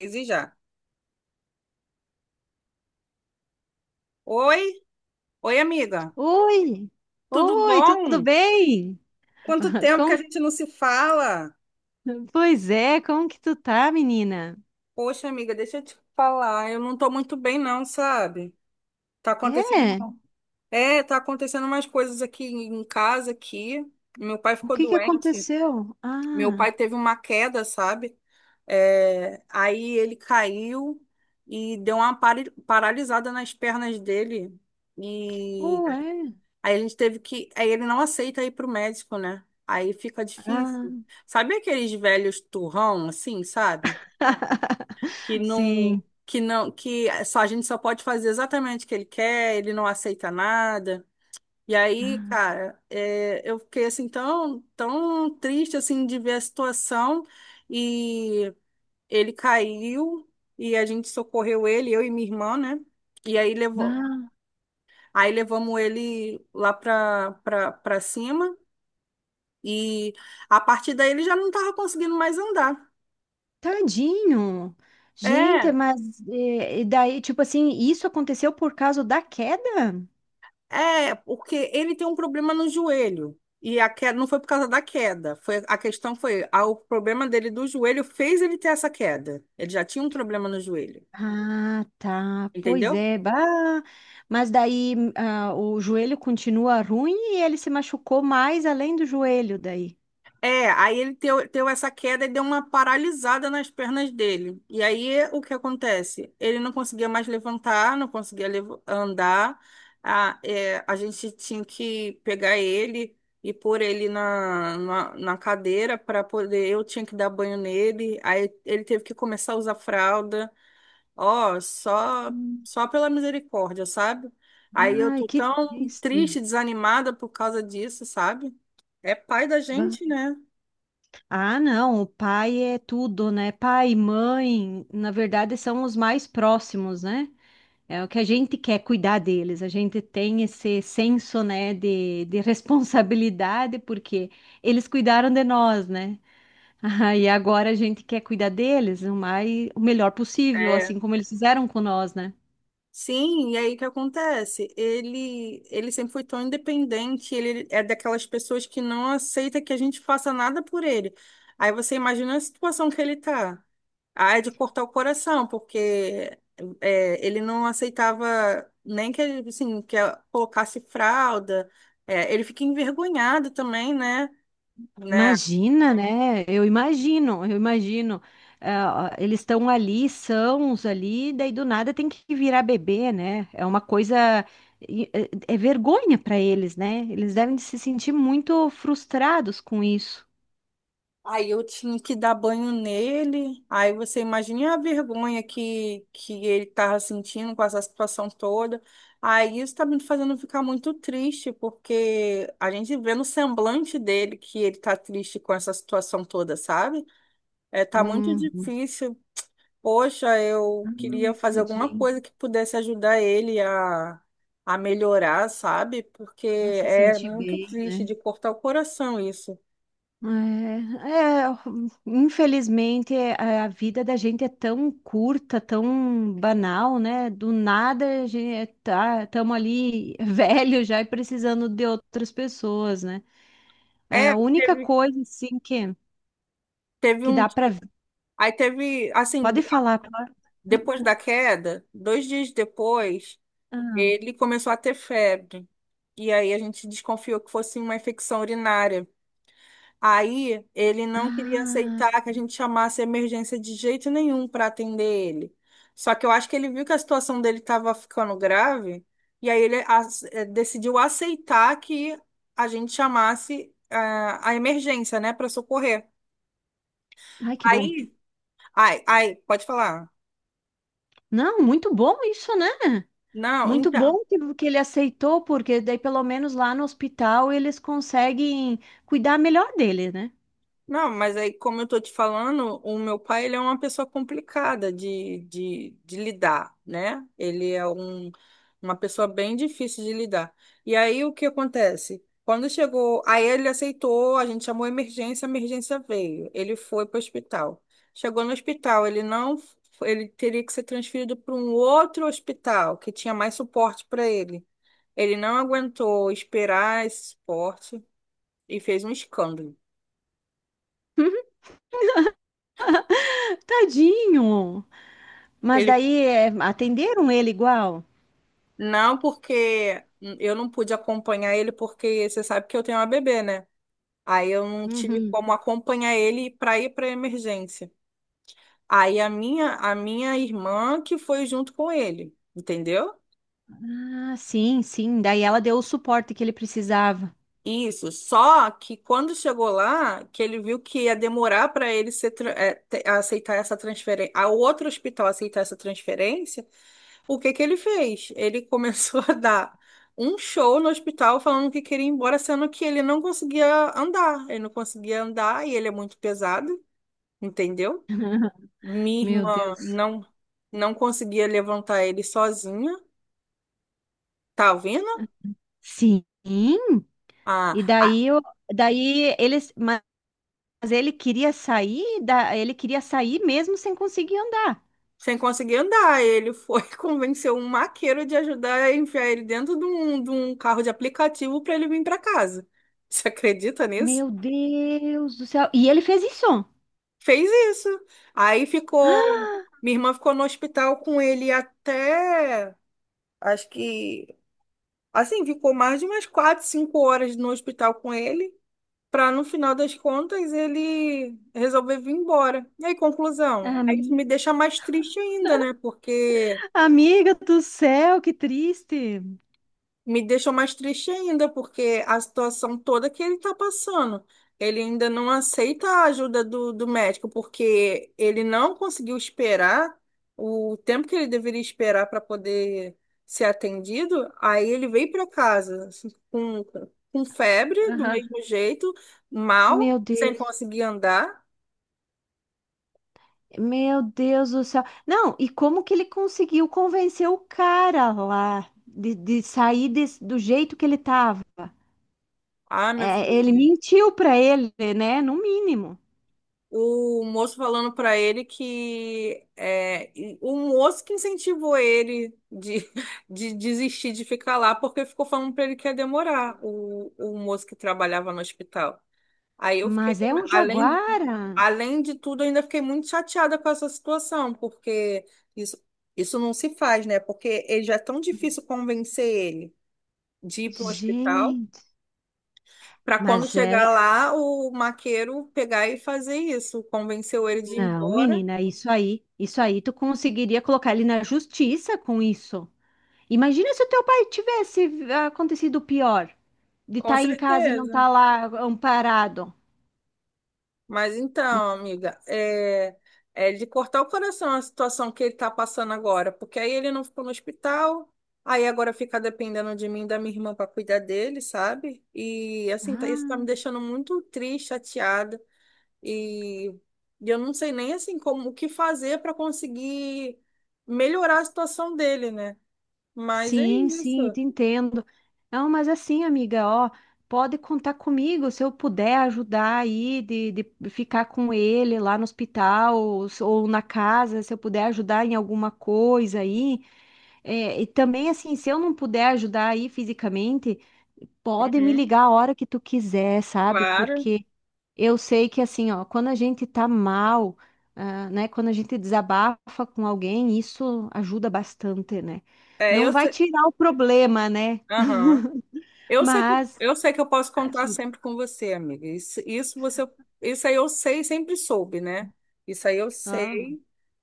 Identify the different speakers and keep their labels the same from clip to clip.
Speaker 1: E já. Oi, oi, amiga.
Speaker 2: Oi!
Speaker 1: Tudo
Speaker 2: Oi, tudo
Speaker 1: bom?
Speaker 2: bem?
Speaker 1: Quanto tempo que a
Speaker 2: Como...
Speaker 1: gente não se fala?
Speaker 2: Como que tu tá, menina?
Speaker 1: Poxa, amiga, deixa eu te falar. Eu não tô muito bem, não, sabe? Tá acontecendo.
Speaker 2: É,
Speaker 1: É, tá acontecendo umas coisas aqui em casa aqui. Meu pai
Speaker 2: o
Speaker 1: ficou
Speaker 2: que que
Speaker 1: doente.
Speaker 2: aconteceu?
Speaker 1: Meu
Speaker 2: Ah,
Speaker 1: pai teve uma queda, sabe? É, aí ele caiu e deu uma paralisada nas pernas dele. E
Speaker 2: ué,
Speaker 1: Aí a gente teve que. Aí ele não aceita ir pro médico, né? Aí fica difícil.
Speaker 2: ah.
Speaker 1: Sabe aqueles velhos turrão, assim, sabe? Que não.
Speaker 2: Sim.
Speaker 1: Que não. Que só, a gente só pode fazer exatamente o que ele quer, ele não aceita nada. E aí,
Speaker 2: Ah,
Speaker 1: cara, é, eu fiquei assim tão triste assim de ver a situação. E ele caiu e a gente socorreu ele, eu e minha irmã, né? E aí levou.
Speaker 2: ah,
Speaker 1: Aí levamos ele lá pra cima. E a partir daí ele já não estava conseguindo mais andar.
Speaker 2: tadinho. Gente,
Speaker 1: É,
Speaker 2: mas é, e daí, tipo assim, isso aconteceu por causa da queda?
Speaker 1: é, porque ele tem um problema no joelho. E a queda não foi por causa da queda. Foi, a questão foi, o problema dele do joelho fez ele ter essa queda. Ele já tinha um problema no joelho,
Speaker 2: Ah, tá. Pois
Speaker 1: entendeu?
Speaker 2: é. Bah. Mas daí ah, o joelho continua ruim e ele se machucou mais além do joelho daí.
Speaker 1: É, aí ele teu, teu essa queda e deu uma paralisada nas pernas dele. E aí o que acontece? Ele não conseguia mais levantar, não conseguia andar. A, é, a gente tinha que pegar ele e pôr ele na cadeira para poder. Eu tinha que dar banho nele. Aí ele teve que começar a usar fralda. Ó, só,
Speaker 2: Hum.
Speaker 1: só pela misericórdia, sabe? Aí eu
Speaker 2: Ai,
Speaker 1: tô
Speaker 2: que
Speaker 1: tão
Speaker 2: triste.
Speaker 1: triste, desanimada por causa disso, sabe? É pai da
Speaker 2: Bah.
Speaker 1: gente, né?
Speaker 2: Ah, não, o pai é tudo, né? Pai e mãe, na verdade, são os mais próximos, né? É o que a gente quer cuidar deles. A gente tem esse senso, né, de responsabilidade, porque eles cuidaram de nós, né? Ah, e agora a gente quer cuidar deles o mais, o melhor possível,
Speaker 1: É,
Speaker 2: assim como eles fizeram com nós, né?
Speaker 1: sim, e aí o que acontece? Ele sempre foi tão independente, ele é daquelas pessoas que não aceita que a gente faça nada por ele. Aí você imagina a situação que ele tá. Ah, é de cortar o coração, porque é, ele não aceitava nem que, ele, assim, que ela colocasse fralda. É, ele fica envergonhado também, né? Né?
Speaker 2: Imagina, né? Eu imagino, eu imagino. Ah, eles estão ali, são os ali, daí do nada tem que virar bebê, né? É uma coisa. E- É vergonha para eles, né? Eles devem se sentir muito frustrados com isso.
Speaker 1: Aí eu tinha que dar banho nele. Aí você imagina a vergonha que ele tava sentindo com essa situação toda. Aí isso tá me fazendo ficar muito triste, porque a gente vê no semblante dele que ele tá triste com essa situação toda, sabe? É, tá muito
Speaker 2: Uhum.
Speaker 1: difícil. Poxa,
Speaker 2: Ah,
Speaker 1: eu queria fazer alguma
Speaker 2: tadinho.
Speaker 1: coisa que pudesse ajudar ele a melhorar, sabe? Porque
Speaker 2: Pra se
Speaker 1: é
Speaker 2: sentir
Speaker 1: muito
Speaker 2: bem,
Speaker 1: triste
Speaker 2: né?
Speaker 1: de cortar o coração isso.
Speaker 2: É, é, infelizmente é, a vida da gente é tão curta, tão banal, né? Do nada a gente tá, estamos ali velho já e precisando de outras pessoas, né? É
Speaker 1: É,
Speaker 2: a única
Speaker 1: teve.
Speaker 2: coisa assim
Speaker 1: Teve
Speaker 2: que
Speaker 1: um.
Speaker 2: dá para
Speaker 1: Aí teve, assim,
Speaker 2: pode falar. Pode-
Speaker 1: depois da queda, 2 dias depois,
Speaker 2: Ah,
Speaker 1: ele começou a ter febre. E aí a gente desconfiou que fosse uma infecção urinária. Aí ele não queria
Speaker 2: ah,
Speaker 1: aceitar que a gente chamasse a emergência de jeito nenhum para atender ele. Só que eu acho que ele viu que a situação dele estava ficando grave, e aí ele decidiu aceitar que a gente chamasse a emergência, né, para socorrer.
Speaker 2: ai que bom.
Speaker 1: Aí, ai, ai, pode falar.
Speaker 2: Não, muito bom isso, né?
Speaker 1: Não,
Speaker 2: Muito
Speaker 1: então.
Speaker 2: bom que ele aceitou, porque daí pelo menos lá no hospital eles conseguem cuidar melhor dele, né?
Speaker 1: Não, mas aí, como eu tô te falando, o meu pai, ele é uma pessoa complicada de lidar, né? Ele é um, uma pessoa bem difícil de lidar. E aí, o que acontece? Quando chegou, aí ele aceitou, a gente chamou a emergência veio. Ele foi para o hospital. Chegou no hospital, ele não, ele teria que ser transferido para um outro hospital que tinha mais suporte para ele. Ele não aguentou esperar esse suporte e fez um escândalo.
Speaker 2: Tadinho! Mas daí é, atenderam ele igual?
Speaker 1: Não, porque eu não pude acompanhar ele, porque você sabe que eu tenho uma bebê, né? Aí eu não tive
Speaker 2: Uhum.
Speaker 1: como acompanhar ele para ir para emergência. Aí a minha irmã que foi junto com ele, entendeu?
Speaker 2: Ah, sim, sim. Daí ela deu o suporte que ele precisava.
Speaker 1: Isso. Só que quando chegou lá, que ele viu que ia demorar para ele ser, aceitar essa transferência, a outro hospital aceitar essa transferência, o que que ele fez? Ele começou a dar um show no hospital falando que queria ir embora, sendo que ele não conseguia andar. Ele não conseguia andar e ele é muito pesado, entendeu? Minha
Speaker 2: Meu
Speaker 1: irmã
Speaker 2: Deus.
Speaker 1: não conseguia levantar ele sozinha, tá ouvindo?
Speaker 2: Sim.
Speaker 1: Ah,
Speaker 2: E
Speaker 1: ah,
Speaker 2: daí, eu, daí ele, mas ele queria sair, da, ele queria sair mesmo sem conseguir andar.
Speaker 1: sem conseguir andar, ele foi convencer um maqueiro de ajudar a enfiar ele dentro de um carro de aplicativo para ele vir para casa. Você acredita nisso?
Speaker 2: Meu Deus do céu. E ele fez isso.
Speaker 1: Fez isso. Aí ficou. Minha irmã ficou no hospital com ele até. Acho que. Assim, ficou mais de umas quatro, cinco horas no hospital com ele, para no final das contas ele resolver vir embora. E aí, conclusão? Aí isso me
Speaker 2: Ami-
Speaker 1: deixa mais triste ainda, né? Porque
Speaker 2: Amiga do céu, que triste.
Speaker 1: Me deixou mais triste ainda, porque a situação toda que ele está passando, ele ainda não aceita a ajuda do médico, porque ele não conseguiu esperar o tempo que ele deveria esperar para poder ser atendido. Aí ele veio para casa assim, com febre, do
Speaker 2: Aham.
Speaker 1: mesmo jeito, mal,
Speaker 2: Meu
Speaker 1: sem
Speaker 2: Deus.
Speaker 1: conseguir andar.
Speaker 2: Meu Deus do céu. Não, e como que ele conseguiu convencer o cara lá de sair desse- do jeito que ele tava?
Speaker 1: Ah, meu
Speaker 2: É,
Speaker 1: filho.
Speaker 2: ele mentiu pra ele, né? No mínimo.
Speaker 1: O moço falando pra ele que é, e o moço que incentivou ele de, de desistir de ficar lá, porque ficou falando pra ele que ia demorar, o moço que trabalhava no hospital. Aí eu fiquei
Speaker 2: Mas é
Speaker 1: também,
Speaker 2: um
Speaker 1: além,
Speaker 2: jaguara.
Speaker 1: além de tudo, eu ainda fiquei muito chateada com essa situação, porque isso, isso não se faz, né? Porque ele já é tão difícil convencer ele de ir para o hospital.
Speaker 2: Gente,
Speaker 1: Para quando
Speaker 2: mas é.
Speaker 1: chegar lá, o maqueiro pegar e fazer isso, convenceu ele de ir
Speaker 2: Não,
Speaker 1: embora.
Speaker 2: menina, isso aí tu conseguiria colocar ele na justiça com isso. Imagina se o teu pai tivesse acontecido o pior, de
Speaker 1: Com
Speaker 2: estar em casa e não
Speaker 1: certeza.
Speaker 2: estar lá amparado.
Speaker 1: Mas então, amiga, é, é de cortar o coração a situação que ele está passando agora, porque aí ele não ficou no hospital, aí agora fica dependendo de mim e da minha irmã para cuidar dele, sabe? E assim, tá, isso tá me
Speaker 2: Ah.
Speaker 1: deixando muito triste, chateada, e e eu não sei nem assim como o que fazer para conseguir melhorar a situação dele, né? Mas é
Speaker 2: Sim, sim,
Speaker 1: isso.
Speaker 2: te entendo. Não, mas assim, amiga, ó, pode contar comigo se eu puder ajudar aí de ficar com ele lá no hospital ou, se- ou na casa, se eu puder ajudar em alguma coisa aí. É, e também, assim, se eu não puder ajudar aí fisicamente, pode me
Speaker 1: Uhum,
Speaker 2: ligar a hora que tu quiser, sabe?
Speaker 1: claro.
Speaker 2: Porque eu sei que assim, ó, quando a gente tá mal, ah, né, quando a gente desabafa com alguém, isso ajuda bastante, né?
Speaker 1: É,
Speaker 2: Não
Speaker 1: eu
Speaker 2: vai
Speaker 1: sei.
Speaker 2: tirar o problema, né?
Speaker 1: Aham. Eu sei que,
Speaker 2: Mas
Speaker 1: eu sei que eu posso contar
Speaker 2: ajuda.
Speaker 1: sempre com você, amiga. Isso aí eu sei, sempre soube, né? Isso aí eu
Speaker 2: Ah,
Speaker 1: sei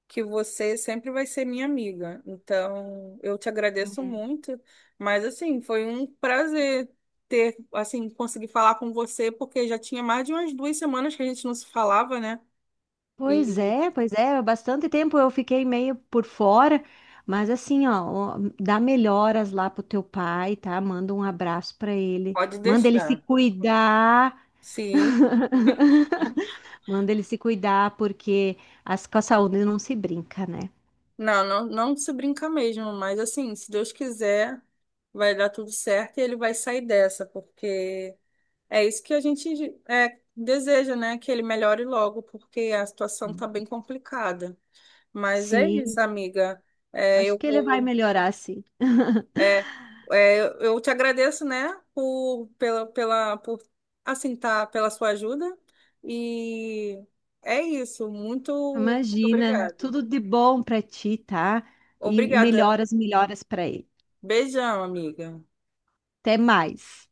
Speaker 1: que você sempre vai ser minha amiga. Então, eu te agradeço
Speaker 2: é.
Speaker 1: muito, mas assim, foi um prazer ter, assim, conseguir falar com você, porque já tinha mais de umas 2 semanas que a gente não se falava, né?
Speaker 2: Pois
Speaker 1: E
Speaker 2: é, pois é, bastante tempo eu fiquei meio por fora, mas assim, ó, ó, dá melhoras lá pro teu pai, tá? Manda um abraço pra ele,
Speaker 1: pode
Speaker 2: manda ele se
Speaker 1: deixar.
Speaker 2: cuidar.
Speaker 1: Sim,
Speaker 2: Manda ele se cuidar, porque as, com a saúde não se brinca, né?
Speaker 1: não, não, não se brinca mesmo, mas assim, se Deus quiser, vai dar tudo certo e ele vai sair dessa, porque é isso que a gente é, deseja, né? Que ele melhore logo, porque a situação tá
Speaker 2: Hum.
Speaker 1: bem complicada. Mas é isso,
Speaker 2: Sim,
Speaker 1: amiga. É,
Speaker 2: acho
Speaker 1: eu
Speaker 2: que ele vai
Speaker 1: vou,
Speaker 2: melhorar, sim.
Speaker 1: é, é, eu te agradeço, né? Por, pela, pela, por, assim, tá, pela sua ajuda. E é isso. Muito
Speaker 2: Imagina,
Speaker 1: obrigada.
Speaker 2: tudo de bom para ti, tá? E
Speaker 1: Obrigada.
Speaker 2: melhoras, melhoras para ele.
Speaker 1: Beijão, amiga.
Speaker 2: Até mais.